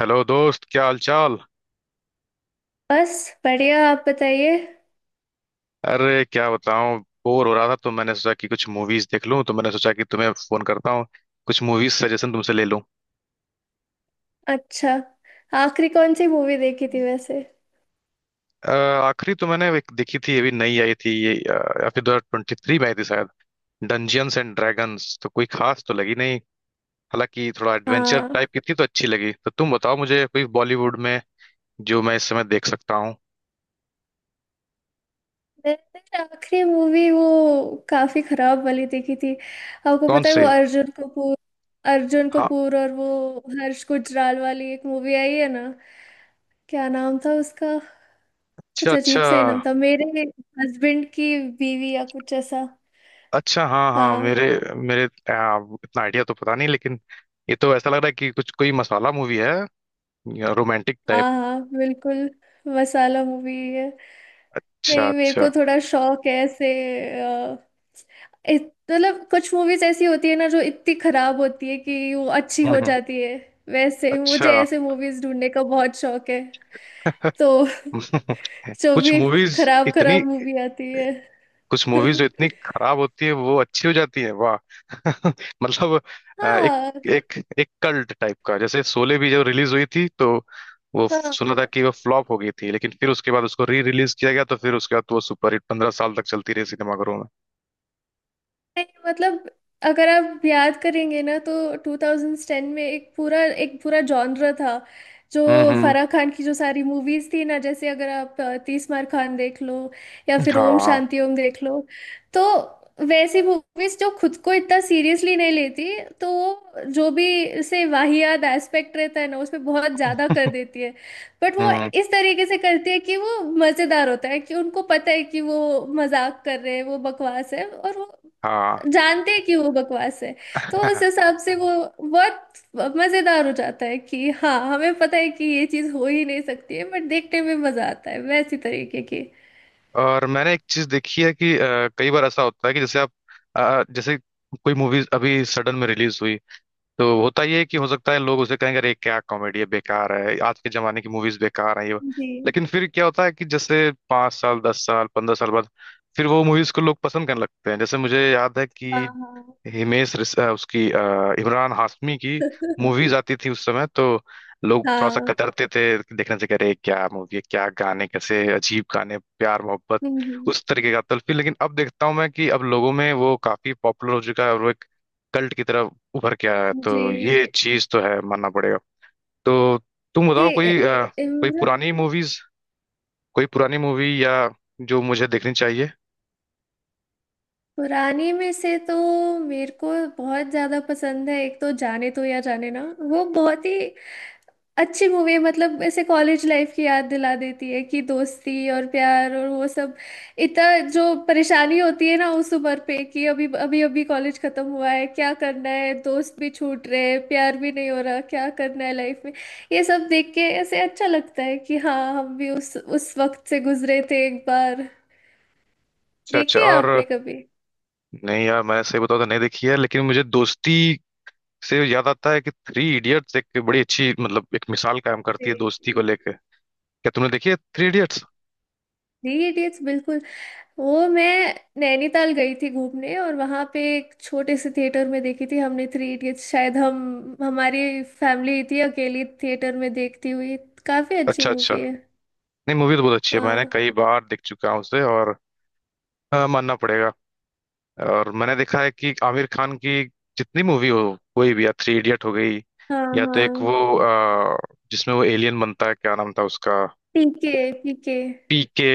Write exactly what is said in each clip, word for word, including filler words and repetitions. Hello दोस्त, क्या हाल चाल। बस। बढ़िया, आप बताइए। अरे क्या बताऊं, बोर हो रहा था तो मैंने सोचा कि कुछ मूवीज देख लूं, तो मैंने सोचा कि तुम्हें फोन करता हूं, कुछ मूवीज सजेशन तुमसे ले लूं। अच्छा, आखिरी कौन सी मूवी देखी थी वैसे? अ, आखिरी तो मैंने एक देखी थी, अभी नई आई थी ये, अ, या फिर दो हज़ार तेईस में आई थी शायद, डंजियंस एंड ड्रैगन्स। तो कोई खास तो लगी नहीं, हालांकि थोड़ा एडवेंचर हाँ, टाइप की थी तो अच्छी लगी। तो तुम बताओ मुझे कोई बॉलीवुड में जो मैं इस समय देख सकता हूँ। मैंने आखिरी मूवी वो काफी खराब वाली देखी थी। आपको कौन पता है वो से? अर्जुन कपूर, अर्जुन हाँ। कपूर और वो हर्ष गुजराल वाली एक मूवी आई है ना? क्या नाम था उसका? अच्छा कुछ अच्छा। अजीब सा ही नाम था। मेरे हस्बैंड की बीवी या कुछ ऐसा। अच्छा, हाँ हाँ, हाँ मेरे मेरे आ, इतना आइडिया तो पता नहीं, लेकिन ये तो ऐसा लग रहा है कि कुछ कोई मसाला मूवी है, रोमांटिक टाइप। हाँ, हाँ बिल्कुल मसाला मूवी है। अच्छा नहीं, मेरे अच्छा। को थोड़ा शौक है ऐसे। अ, इत- मतलब कुछ मूवीज ऐसी होती है ना जो इतनी खराब होती है कि वो अच्छी हम्म हो हम्म। जाती है। वैसे मुझे अच्छा। ऐसे मूवीज ढूंढने का बहुत शौक है तो जो कुछ भी मूवीज, खराब इतनी, खराब मूवी आती है। कुछ मूवीज जो इतनी खराब होती है वो अच्छी हो जाती है, वाह। मतलब, आ, एक, हाँ एक एक कल्ट टाइप का, जैसे शोले भी जब रिलीज हुई थी तो वो हाँ। सुना था कि वो फ्लॉप हो गई थी, लेकिन फिर उसके बाद उसको री रिलीज किया गया, तो फिर उसके बाद वो सुपर हिट पंद्रह साल तक चलती रही सिनेमाघरों में। नहीं, मतलब अगर आप याद करेंगे ना तो ट्वेंटी टेन में एक पूरा एक पूरा जॉनर था जो हम्म हम्म। फराह खान की जो सारी मूवीज थी ना। जैसे अगर आप अ, तीस मार खान देख लो या फिर ओम हाँ। शांति ओम देख लो। तो वैसी मूवीज जो खुद को इतना सीरियसली नहीं लेती, तो वो जो भी से वाहियात एस्पेक्ट रहता है ना उसमें बहुत ज्यादा कर देती है। बट वो हम्म। इस तरीके से करती है कि वो मजेदार होता है, कि उनको पता है कि वो मजाक कर रहे हैं, वो बकवास है और वो हाँ। जानते हैं कि वो बकवास है। तो उस हिसाब से वो बहुत मजेदार हो जाता है कि हाँ हमें पता है कि ये चीज हो ही नहीं सकती है, बट देखने में मजा आता है वैसी तरीके की। और मैंने एक चीज देखी है कि अ, कई बार ऐसा होता है कि जैसे आप, अ, जैसे कोई मूवी अभी सडन में रिलीज हुई, तो होता ये है कि हो सकता है लोग उसे कहेंगे अरे क्या कॉमेडी है, बेकार है, आज के जमाने की मूवीज बेकार है ये वो।" जी। लेकिन फिर क्या होता है कि जैसे पाँच साल, दस साल, पंद्रह साल बाद फिर वो मूवीज को लोग पसंद करने लगते हैं। जैसे मुझे याद है हाँ कि हाँ हिमेश रेश- अ, उसकी, अ, इमरान हाशमी की मूवीज हम्म। आती थी उस समय, तो लोग थोड़ा सा हाँ, कतरते थे देखने से, कह रहे क्या मूवी है, क्या गाने, कैसे अजीब गाने, प्यार मोहब्बत हम्म उस तरीके का तल्फी। लेकिन अब देखता हूँ मैं कि अब लोगों में वो काफी पॉपुलर हो चुका है और वो एक कल्ट की तरह उभर के आया है। हम्म, जी तो ये चीज तो है, मानना पड़ेगा। तो तुम जी। बताओ इ- कोई अ, कोई इमरान। पुरानी मूवीज, कोई पुरानी मूवी या जो मुझे देखनी चाहिए। पुरानी में से तो मेरे को बहुत ज्यादा पसंद है एक, तो जाने तो या जाने ना। वो बहुत ही अच्छी मूवी है, मतलब ऐसे कॉलेज लाइफ की याद दिला देती है कि दोस्ती और प्यार और वो सब। इतना जो परेशानी होती है ना उस उम्र पे कि अभी अभी अभी कॉलेज खत्म हुआ है, क्या करना है, दोस्त भी छूट रहे हैं, प्यार भी नहीं हो रहा, क्या करना है लाइफ में। ये सब देख के ऐसे अच्छा लगता है कि हाँ हम भी उस उस वक्त से गुजरे थे एक बार। अच्छा अच्छा, देखिए और? आपने कभी? नहीं यार, मैंने सही बताऊं तो नहीं देखी है, लेकिन मुझे दोस्ती से याद आता है कि थ्री इडियट्स एक बड़ी अच्छी, मतलब एक मिसाल कायम करती जी है दोस्ती को लेके। क्या तुमने देखी है थ्री इडियट्स? जी, इडियट्स बिल्कुल। वो मैं नैनीताल गई थी घूमने और वहां पे एक छोटे से थिएटर में देखी थी हमने थ्री इडियट्स। शायद हम, हमारी फैमिली थी अकेली थिएटर में देखती हुई। काफी अच्छी अच्छा अच्छा। मूवी है। नहीं, मूवी तो बहुत अच्छी है, मैंने हाँ कई बार देख चुका हूँ उसे। और हाँ, मानना पड़ेगा। और मैंने देखा है कि आमिर खान की जितनी मूवी हो कोई भी, या थ्री इडियट हो गई, हाँ। या तो एक हाँ वो अ, जिसमें वो एलियन बनता है, क्या नाम था उसका? PK. PK. P K.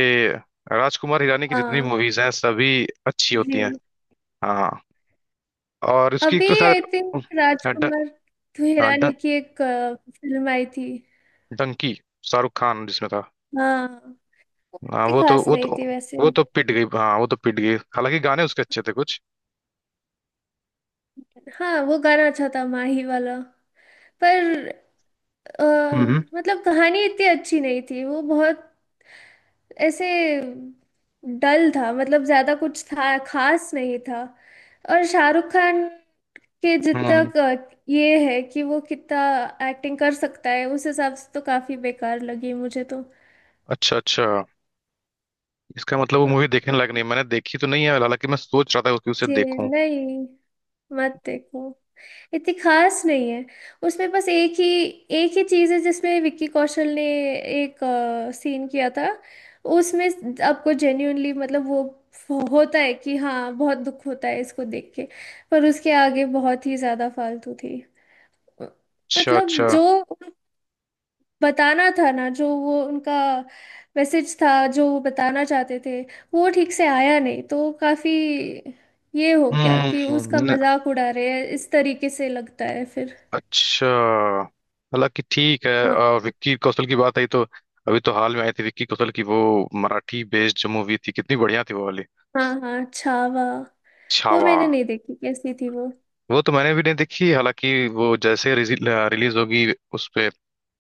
Rajkumar Hirani की जितनी हाँ। मूवीज हैं सभी अच्छी होती हैं। जी। हाँ। और इसकी एक अभी तो शायद, आई थिंक हाँ, ड- राजकुमार हाँ, हिरानी ड- की एक फिल्म आई थी। डंकी, शाहरुख खान जिसमें था। हाँ वो हाँ, इतनी वो तो खास वो नहीं तो थी वैसे। वो तो पिट गई, हाँ, वो तो पिट गई, हालांकि गाने उसके अच्छे थे कुछ। हाँ वो गाना अच्छा था माही वाला। पर अ, हम्म मतलब कहानी इतनी अच्छी नहीं थी, वो बहुत ऐसे डल था, मतलब ज्यादा कुछ था, खास नहीं था। और शाहरुख खान के जितना हम्म। क- ये है कि वो कितना एक्टिंग कर सकता है, उस हिसाब से तो काफी बेकार लगी मुझे तो। अच्छा अच्छा, इसका मतलब वो मूवी हाँ, देखने लायक नहीं है। मैंने देखी तो नहीं है, हालांकि मैं सोच रहा था कि उसे जी। देखूं। नहीं, मत देखो, इतनी खास नहीं है। उसमें बस एक ही एक ही चीज़ है जिसमें विक्की कौशल ने एक सीन किया था। उसमें आपको जेन्यूनली, मतलब वो फ- होता है कि हाँ, बहुत दुख होता है इसको देख के। पर उसके आगे बहुत ही ज़्यादा फालतू थी। अ, अच्छा मतलब अच्छा। जो बताना था ना, जो वो उनका मैसेज था जो वो बताना चाहते थे वो ठीक से आया नहीं, तो काफ़ी ये हो गया कि हम्म। उसका न- मजाक उड़ा रहे हैं इस तरीके से लगता है फिर। अच्छा, हालांकि ठीक है। अ, विक्की कौशल की बात आई तो अभी तो हाल में आई थी विक्की कौशल की वो मराठी बेस्ड जो मूवी थी, कितनी बढ़िया थी वो वाली। हाँ हाँ, छावा। वो छावा। मैंने नहीं देखी, कैसी थी वो? वो तो मैंने भी नहीं देखी, हालांकि वो जैसे रिलीज होगी उस पे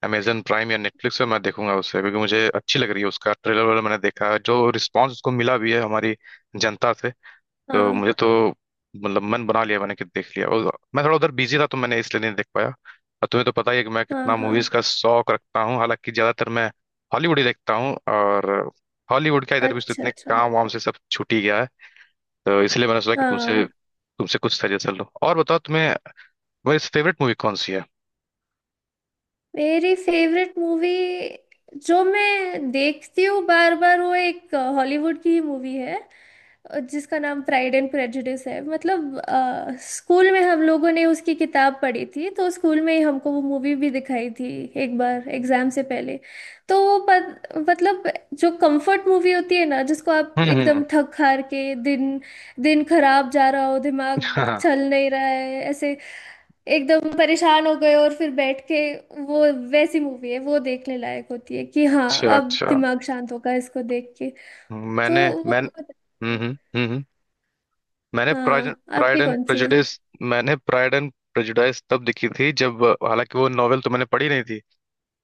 अमेजन प्राइम या नेटफ्लिक्स पे मैं देखूंगा उसे, क्योंकि मुझे अच्छी लग रही है, उसका ट्रेलर वगैरह मैंने देखा है, जो रिस्पांस उसको मिला भी है हमारी जनता से। तो हाँ मुझे तो, मतलब मन बना लिया मैंने कि देख लिया, और मैं थोड़ा उधर बिजी था तो मैंने इसलिए नहीं देख पाया। और तुम्हें तो पता ही है कि मैं हाँ कितना मूवीज हाँ। का शौक रखता हूँ, हालांकि ज्यादातर मैं हॉलीवुड ही देखता हूँ। और हॉलीवुड का इधर भी तो अच्छा इतने अच्छा। काम वाम से सब छूट ही गया है। तो इसलिए मैंने सोचा कि तुमसे हाँ, तुमसे कुछ सजेशन लो, और बताओ तुम्हें वैसे फेवरेट मूवी कौन सी है? मेरी फेवरेट मूवी जो मैं देखती हूँ बार बार, वो एक हॉलीवुड की ही मूवी है और जिसका नाम प्राइड एंड प्रेजुडिस है। मतलब अ, स्कूल में हम लोगों ने उसकी किताब पढ़ी थी, तो स्कूल में ही हमको वो मूवी भी दिखाई थी एक बार एग्जाम से पहले। तो वो पत, मतलब जो कंफर्ट मूवी होती है ना जिसको आप हम्म एकदम हम्म। थक हार के, दिन दिन खराब जा रहा हो, दिमाग हाँ। चल नहीं रहा है ऐसे, एकदम परेशान हो गए और फिर बैठ के वो, वैसी मूवी है वो, देखने लायक होती है कि हाँ अच्छा अब अच्छा। दिमाग शांत होगा इसको देख के। तो मैंने वो मैंने बहुत अच्छी हम्म है। हम्म हम्म, हम्म। मैंने हाँ प्राइड आपकी एंड कौन सी है? प्रेजुडिस मैंने प्राइड एंड प्रेजुडिस तब देखी थी, जब हालांकि वो नॉवेल तो मैंने पढ़ी नहीं थी,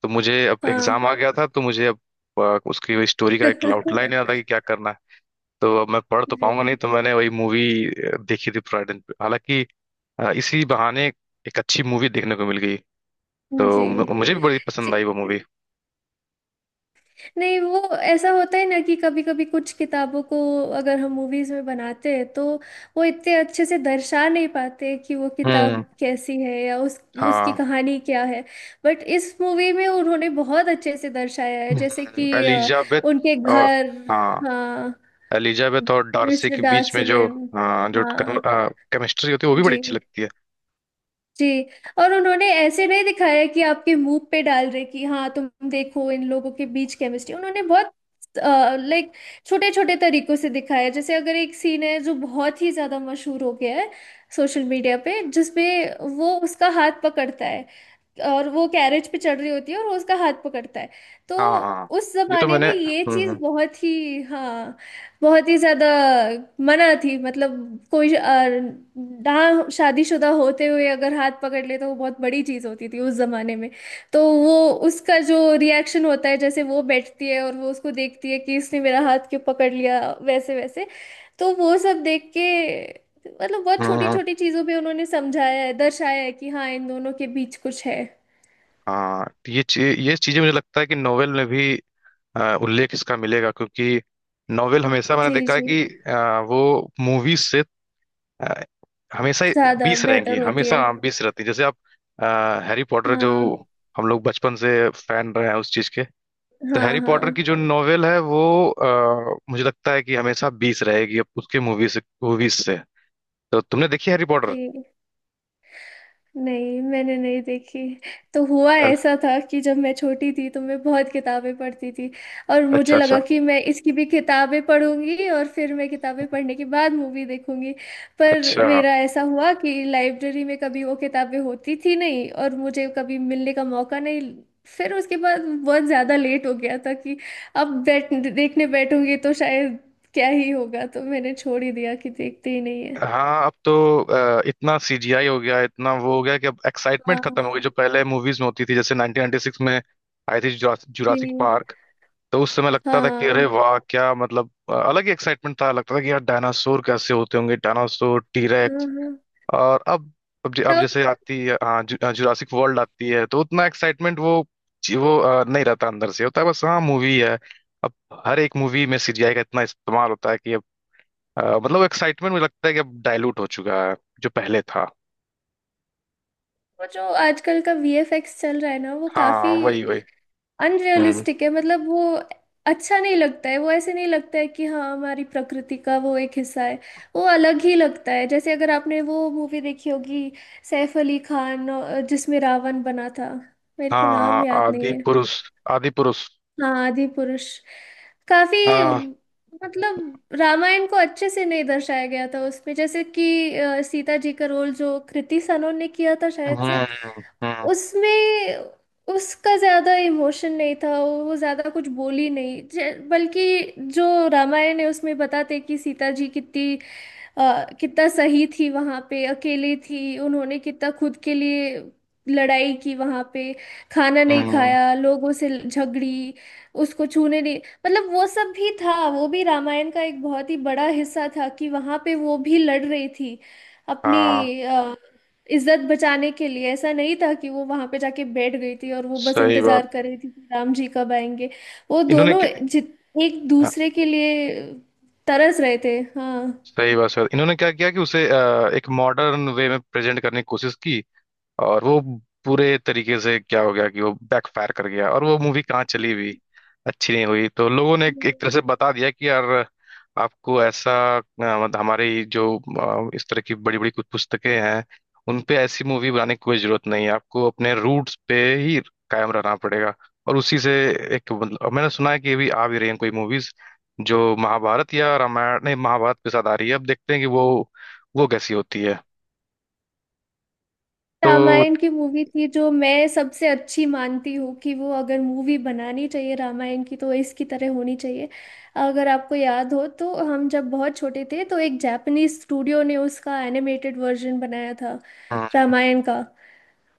तो मुझे अब हाँ। एग्जाम आ गया था, तो मुझे अब अ, उसकी स्टोरी का एक आउटलाइन याद था कि क्या करना है। तो अब मैं पढ़ तो पाऊंगा जी नहीं, तो मैंने वही मूवी देखी थी पूरा दिन पे। हालांकि अ, इसी बहाने एक अच्छी मूवी देखने को मिल गई, जी तो मु- मुझे भी बड़ी जी। पसंद आई वो मूवी। नहीं, वो ऐसा होता है ना कि कभी कभी कुछ किताबों को अगर हम मूवीज में बनाते हैं तो वो इतने अच्छे से दर्शा नहीं पाते कि वो किताब हम्म। कैसी है या उस उसकी हाँ। कहानी क्या है। बट इस मूवी में उन्होंने बहुत अच्छे से दर्शाया है। जैसे हम्म, कि अ, एलिजाबेथ उनके और, घर। हाँ, हाँ एलिजाबेथ और डार्सी मिस्टर के बीच में जो, डासियन। हाँ, जो हाँ केमिस्ट्री होती है वो भी बड़ी जी अच्छी लगती है। जी। और उन्होंने ऐसे नहीं दिखाया कि आपके मुंह पे डाल रहे कि हाँ तुम देखो इन लोगों के बीच केमिस्ट्री। उन्होंने बहुत लाइक छोटे छोटे तरीकों से दिखाया। जैसे अगर एक सीन है जो बहुत ही ज्यादा मशहूर हो गया है सोशल मीडिया पे, जिसमें वो उसका हाथ पकड़ता है और वो कैरेज पे चढ़ रही होती है और वो उसका हाथ पकड़ता है। तो हाँ। हाँ उस ये तो जमाने मैंने, में ये चीज हम्म। बहुत ही, हाँ, बहुत ही ज्यादा मना थी। मतलब कोई अ, ना शादीशुदा होते हुए अगर हाथ पकड़ ले तो वो बहुत बड़ी चीज होती थी उस जमाने में। तो वो उसका जो रिएक्शन होता है, जैसे वो बैठती है और वो उसको देखती है कि इसने मेरा हाथ क्यों पकड़ लिया, वैसे वैसे। तो वो सब देख के, मतलब बहुत छोटी हम्म। छोटी चीजों पे उन्होंने समझाया है, दर्शाया है कि हाँ इन दोनों के बीच कुछ है। हाँ, तो ये चीज, ये चीजें मुझे लगता है कि नोवेल में भी अ, उल्लेख इसका मिलेगा, क्योंकि नोवेल हमेशा मैंने जी देखा जी, है कि अ, वो मूवीज से अ, हमेशा ही ज्यादा बीस बेहतर रहेंगी होती हमेशा। है। हाँ, बीस रहती है। जैसे आप हैरी पॉटर, जो हाँ हम लोग बचपन से फैन रहे हैं उस चीज के, तो हाँ। हैरी पॉटर की हाँ जो नोवेल है वो अ, मुझे लगता है कि हमेशा बीस रहेगी अब उसके मूवीज मूवीज से। तो तुमने देखी हैरी पॉटर? जी। नहीं मैंने नहीं देखी। तो हुआ अच्छा। ऐसा था कि जब मैं छोटी थी तो मैं बहुत किताबें पढ़ती थी और मुझे अच्छा। लगा कि मैं इसकी भी किताबें पढ़ूंगी और फिर मैं किताबें पढ़ने के बाद मूवी देखूंगी। पर अच्छा। मेरा ऐसा हुआ कि लाइब्रेरी में कभी वो किताबें होती थी नहीं और मुझे कभी मिलने का मौका नहीं। फिर उसके बाद बहुत ज़्यादा लेट हो गया था कि अब बैठ देखने बैठूंगी तो शायद क्या ही होगा, तो मैंने छोड़ ही दिया कि देखते ही नहीं है। हाँ, अब तो अ, इतना सीजीआई हो गया, इतना वो हो गया कि अब एक्साइटमेंट खत्म हो गई हाँ। जो पहले मूवीज में होती थी। जैसे नाइन्टीन नाइन्टी सिक्स में आई थी जुरासिक जी पार्क, तो उस समय लगता था कि अरे हाँ वाह, क्या मतलब, अ, अलग ही एक्साइटमेंट था, लगता था कि यार डायनासोर कैसे होते होंगे, डायनासोर हाँ टीरेक्स। हाँ, और अब अब, ज- अब तब। जैसे आती है, हाँ जु, जुरासिक वर्ल्ड आती है तो उतना एक्साइटमेंट वो जी- वो अ, नहीं रहता, अंदर से होता है बस, हाँ मूवी है। अब हर एक मूवी में सीजीआई का इतना इस्तेमाल होता है कि अ, मतलब एक्साइटमेंट मुझे लगता है कि अब डाइल्यूट हो चुका है जो पहले था। वो जो आजकल का वीएफएक्स चल रहा है ना वो काफी हाँ, वही वही। हम्म। अनरियलिस्टिक है। मतलब वो अच्छा नहीं लगता है, वो ऐसे नहीं लगता है कि हाँ हमारी प्रकृति का वो एक हिस्सा है। वो अलग ही लगता है। जैसे अगर आपने वो मूवी देखी होगी, सैफ अली खान, अ, जिसमें रावण बना था, मेरे को नाम हाँ, याद नहीं आदि है। पुरुष, आदि पुरुष। हाँ आदि पुरुष। काफी, हाँ। मतलब रामायण को अच्छे से नहीं दर्शाया गया था उसमें। जैसे कि अ, सीता जी का रोल जो कृति सनोन ने किया था हम्म शायद से, हम्म। उसमें उसका ज्यादा इमोशन नहीं था, वो ज्यादा कुछ बोली नहीं। जे- बल्कि जो रामायण है उसमें बताते कि सीता जी कितनी अ, कितना सही थी, वहां पे अकेली थी, उन्होंने कितना खुद के लिए लड़ाई की वहां पे, खाना नहीं हम्म, खाया, लोगों से झगड़ी, उसको छूने नहीं। मतलब वो सब भी था, वो भी रामायण का एक बहुत ही बड़ा हिस्सा था कि वहां पे वो भी लड़ रही थी अपनी हाँ, इज्जत बचाने के लिए। ऐसा नहीं था कि वो वहां पे जाके बैठ गई थी और वो बस सही बात। इंतजार कर रही थी कि राम जी कब आएंगे। वो इन्होंने दोनों क्या, जित एक हाँ, दूसरे के लिए तरस रहे थे, हाँ। सही बात। सर, इन्होंने क्या किया कि उसे अ, एक मॉडर्न वे में प्रेजेंट करने की कोशिश की, और वो पूरे तरीके से क्या हो गया कि वो बैकफायर कर गया, और वो मूवी कहाँ चली भी, अच्छी नहीं हुई। तो लोगों ने एक एक तरह से बता दिया कि यार आपको ऐसा, अ, मतलब हमारी जो अ, इस तरह की बड़ी बड़ी कुछ पुस्तकें हैं उन पे ऐसी मूवी बनाने की कोई जरूरत नहीं है, आपको अपने रूट्स पे ही कायम रहना पड़ेगा। और उसी से एक, मतलब मैंने सुना है कि अभी आ भी रही हैं कोई मूवीज जो महाभारत, या रामायण नहीं, महाभारत के साथ आ रही है, अब देखते हैं कि वो वो कैसी होती है। तो रामायण की मूवी थी जो मैं सबसे अच्छी मानती हूँ कि वो, अगर मूवी बनानी चाहिए रामायण की तो इसकी तरह होनी चाहिए। अगर आपको याद हो तो हम जब बहुत छोटे थे तो एक जापानीज स्टूडियो ने उसका एनिमेटेड वर्जन बनाया था रामायण का।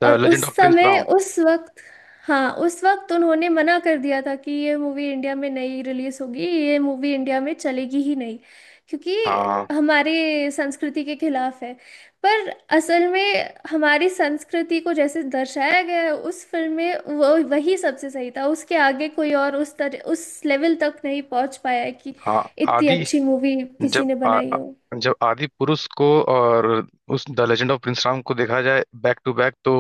और उस लेजेंड ऑफ प्रिंस। समय उस वक्त हाँ उस वक्त, उन्होंने मना कर दिया था कि ये मूवी इंडिया में नहीं रिलीज होगी, ये मूवी इंडिया में चलेगी ही नहीं क्योंकि हाँ हमारे संस्कृति के खिलाफ है। पर असल में हमारी संस्कृति को जैसे दर्शाया गया है उस फिल्म में, वो वही सबसे सही था। उसके आगे कोई और उस तरह उस लेवल तक नहीं पहुंच पाया है कि हाँ। इतनी आदि। अच्छी मूवी किसी जब ने आ, बनाई आ- हो। जब आदि पुरुष को और उस the legend of prince Ram को देखा जाए बैक टू बैक, तो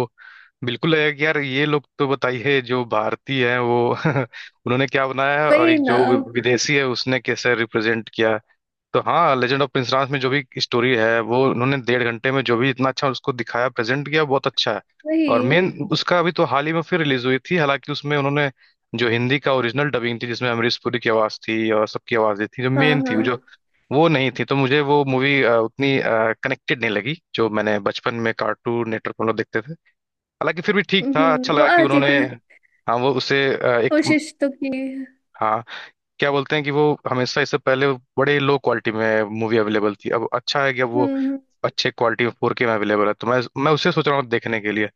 बिल्कुल लगेगा कि यार ये लोग, तो बताइए, जो भारतीय हैं वो उन्होंने क्या बनाया है, और वही एक ना। जो विदेशी है उसने कैसे रिप्रेजेंट किया। तो हाँ, लेजेंड ऑफ प्रिंस में जो भी स्टोरी है वो उन्होंने डेढ़ घंटे में जो भी इतना अच्छा उसको दिखाया, प्रेजेंट किया, बहुत अच्छा है। और वही। मेन उसका अभी तो हाल ही में फिर रिलीज हुई थी, हालांकि उसमें उन्होंने जो हिंदी का ओरिजिनल डबिंग थी जिसमें अमरीश पुरी की आवाज थी और सबकी आवाज थी जो हाँ मेन थी, जो हाँ। वो नहीं थी, तो मुझे वो मूवी उतनी कनेक्टेड नहीं लगी जो मैंने बचपन में कार्टून नेटवर्क पर हम लोग देखते थे। हालांकि फिर भी ठीक था, हम्म, अच्छा वो लगा कि आती उन्होंने, थी। हाँ वो उसे अ, एक, कोशिश तो की। हाँ, क्या बोलते हैं कि वो हमेशा, इससे पहले वो बड़े लो क्वालिटी में मूवी अवेलेबल थी, अब अच्छा है कि अब हम्म वो हम्म, अच्छे क्वालिटी में फोर के में अवेलेबल है, तो मैं मैं उसे सोच रहा हूँ देखने के लिए,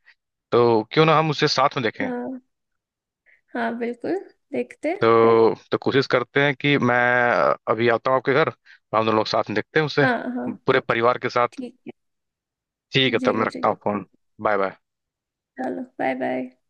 तो क्यों ना हम उसे साथ में देखें। हाँ हाँ बिल्कुल, देखते। तो तो कोशिश करते हैं कि मैं अभी आता हूँ आपके घर, और हम दोनों लोग साथ में देखते हैं उसे, हाँ हाँ। पूरे परिवार के साथ। ठीक है। ठीक है, जी तब मैं जी। रखता हूँ फोन। Bye bye. चलो बाय बाय।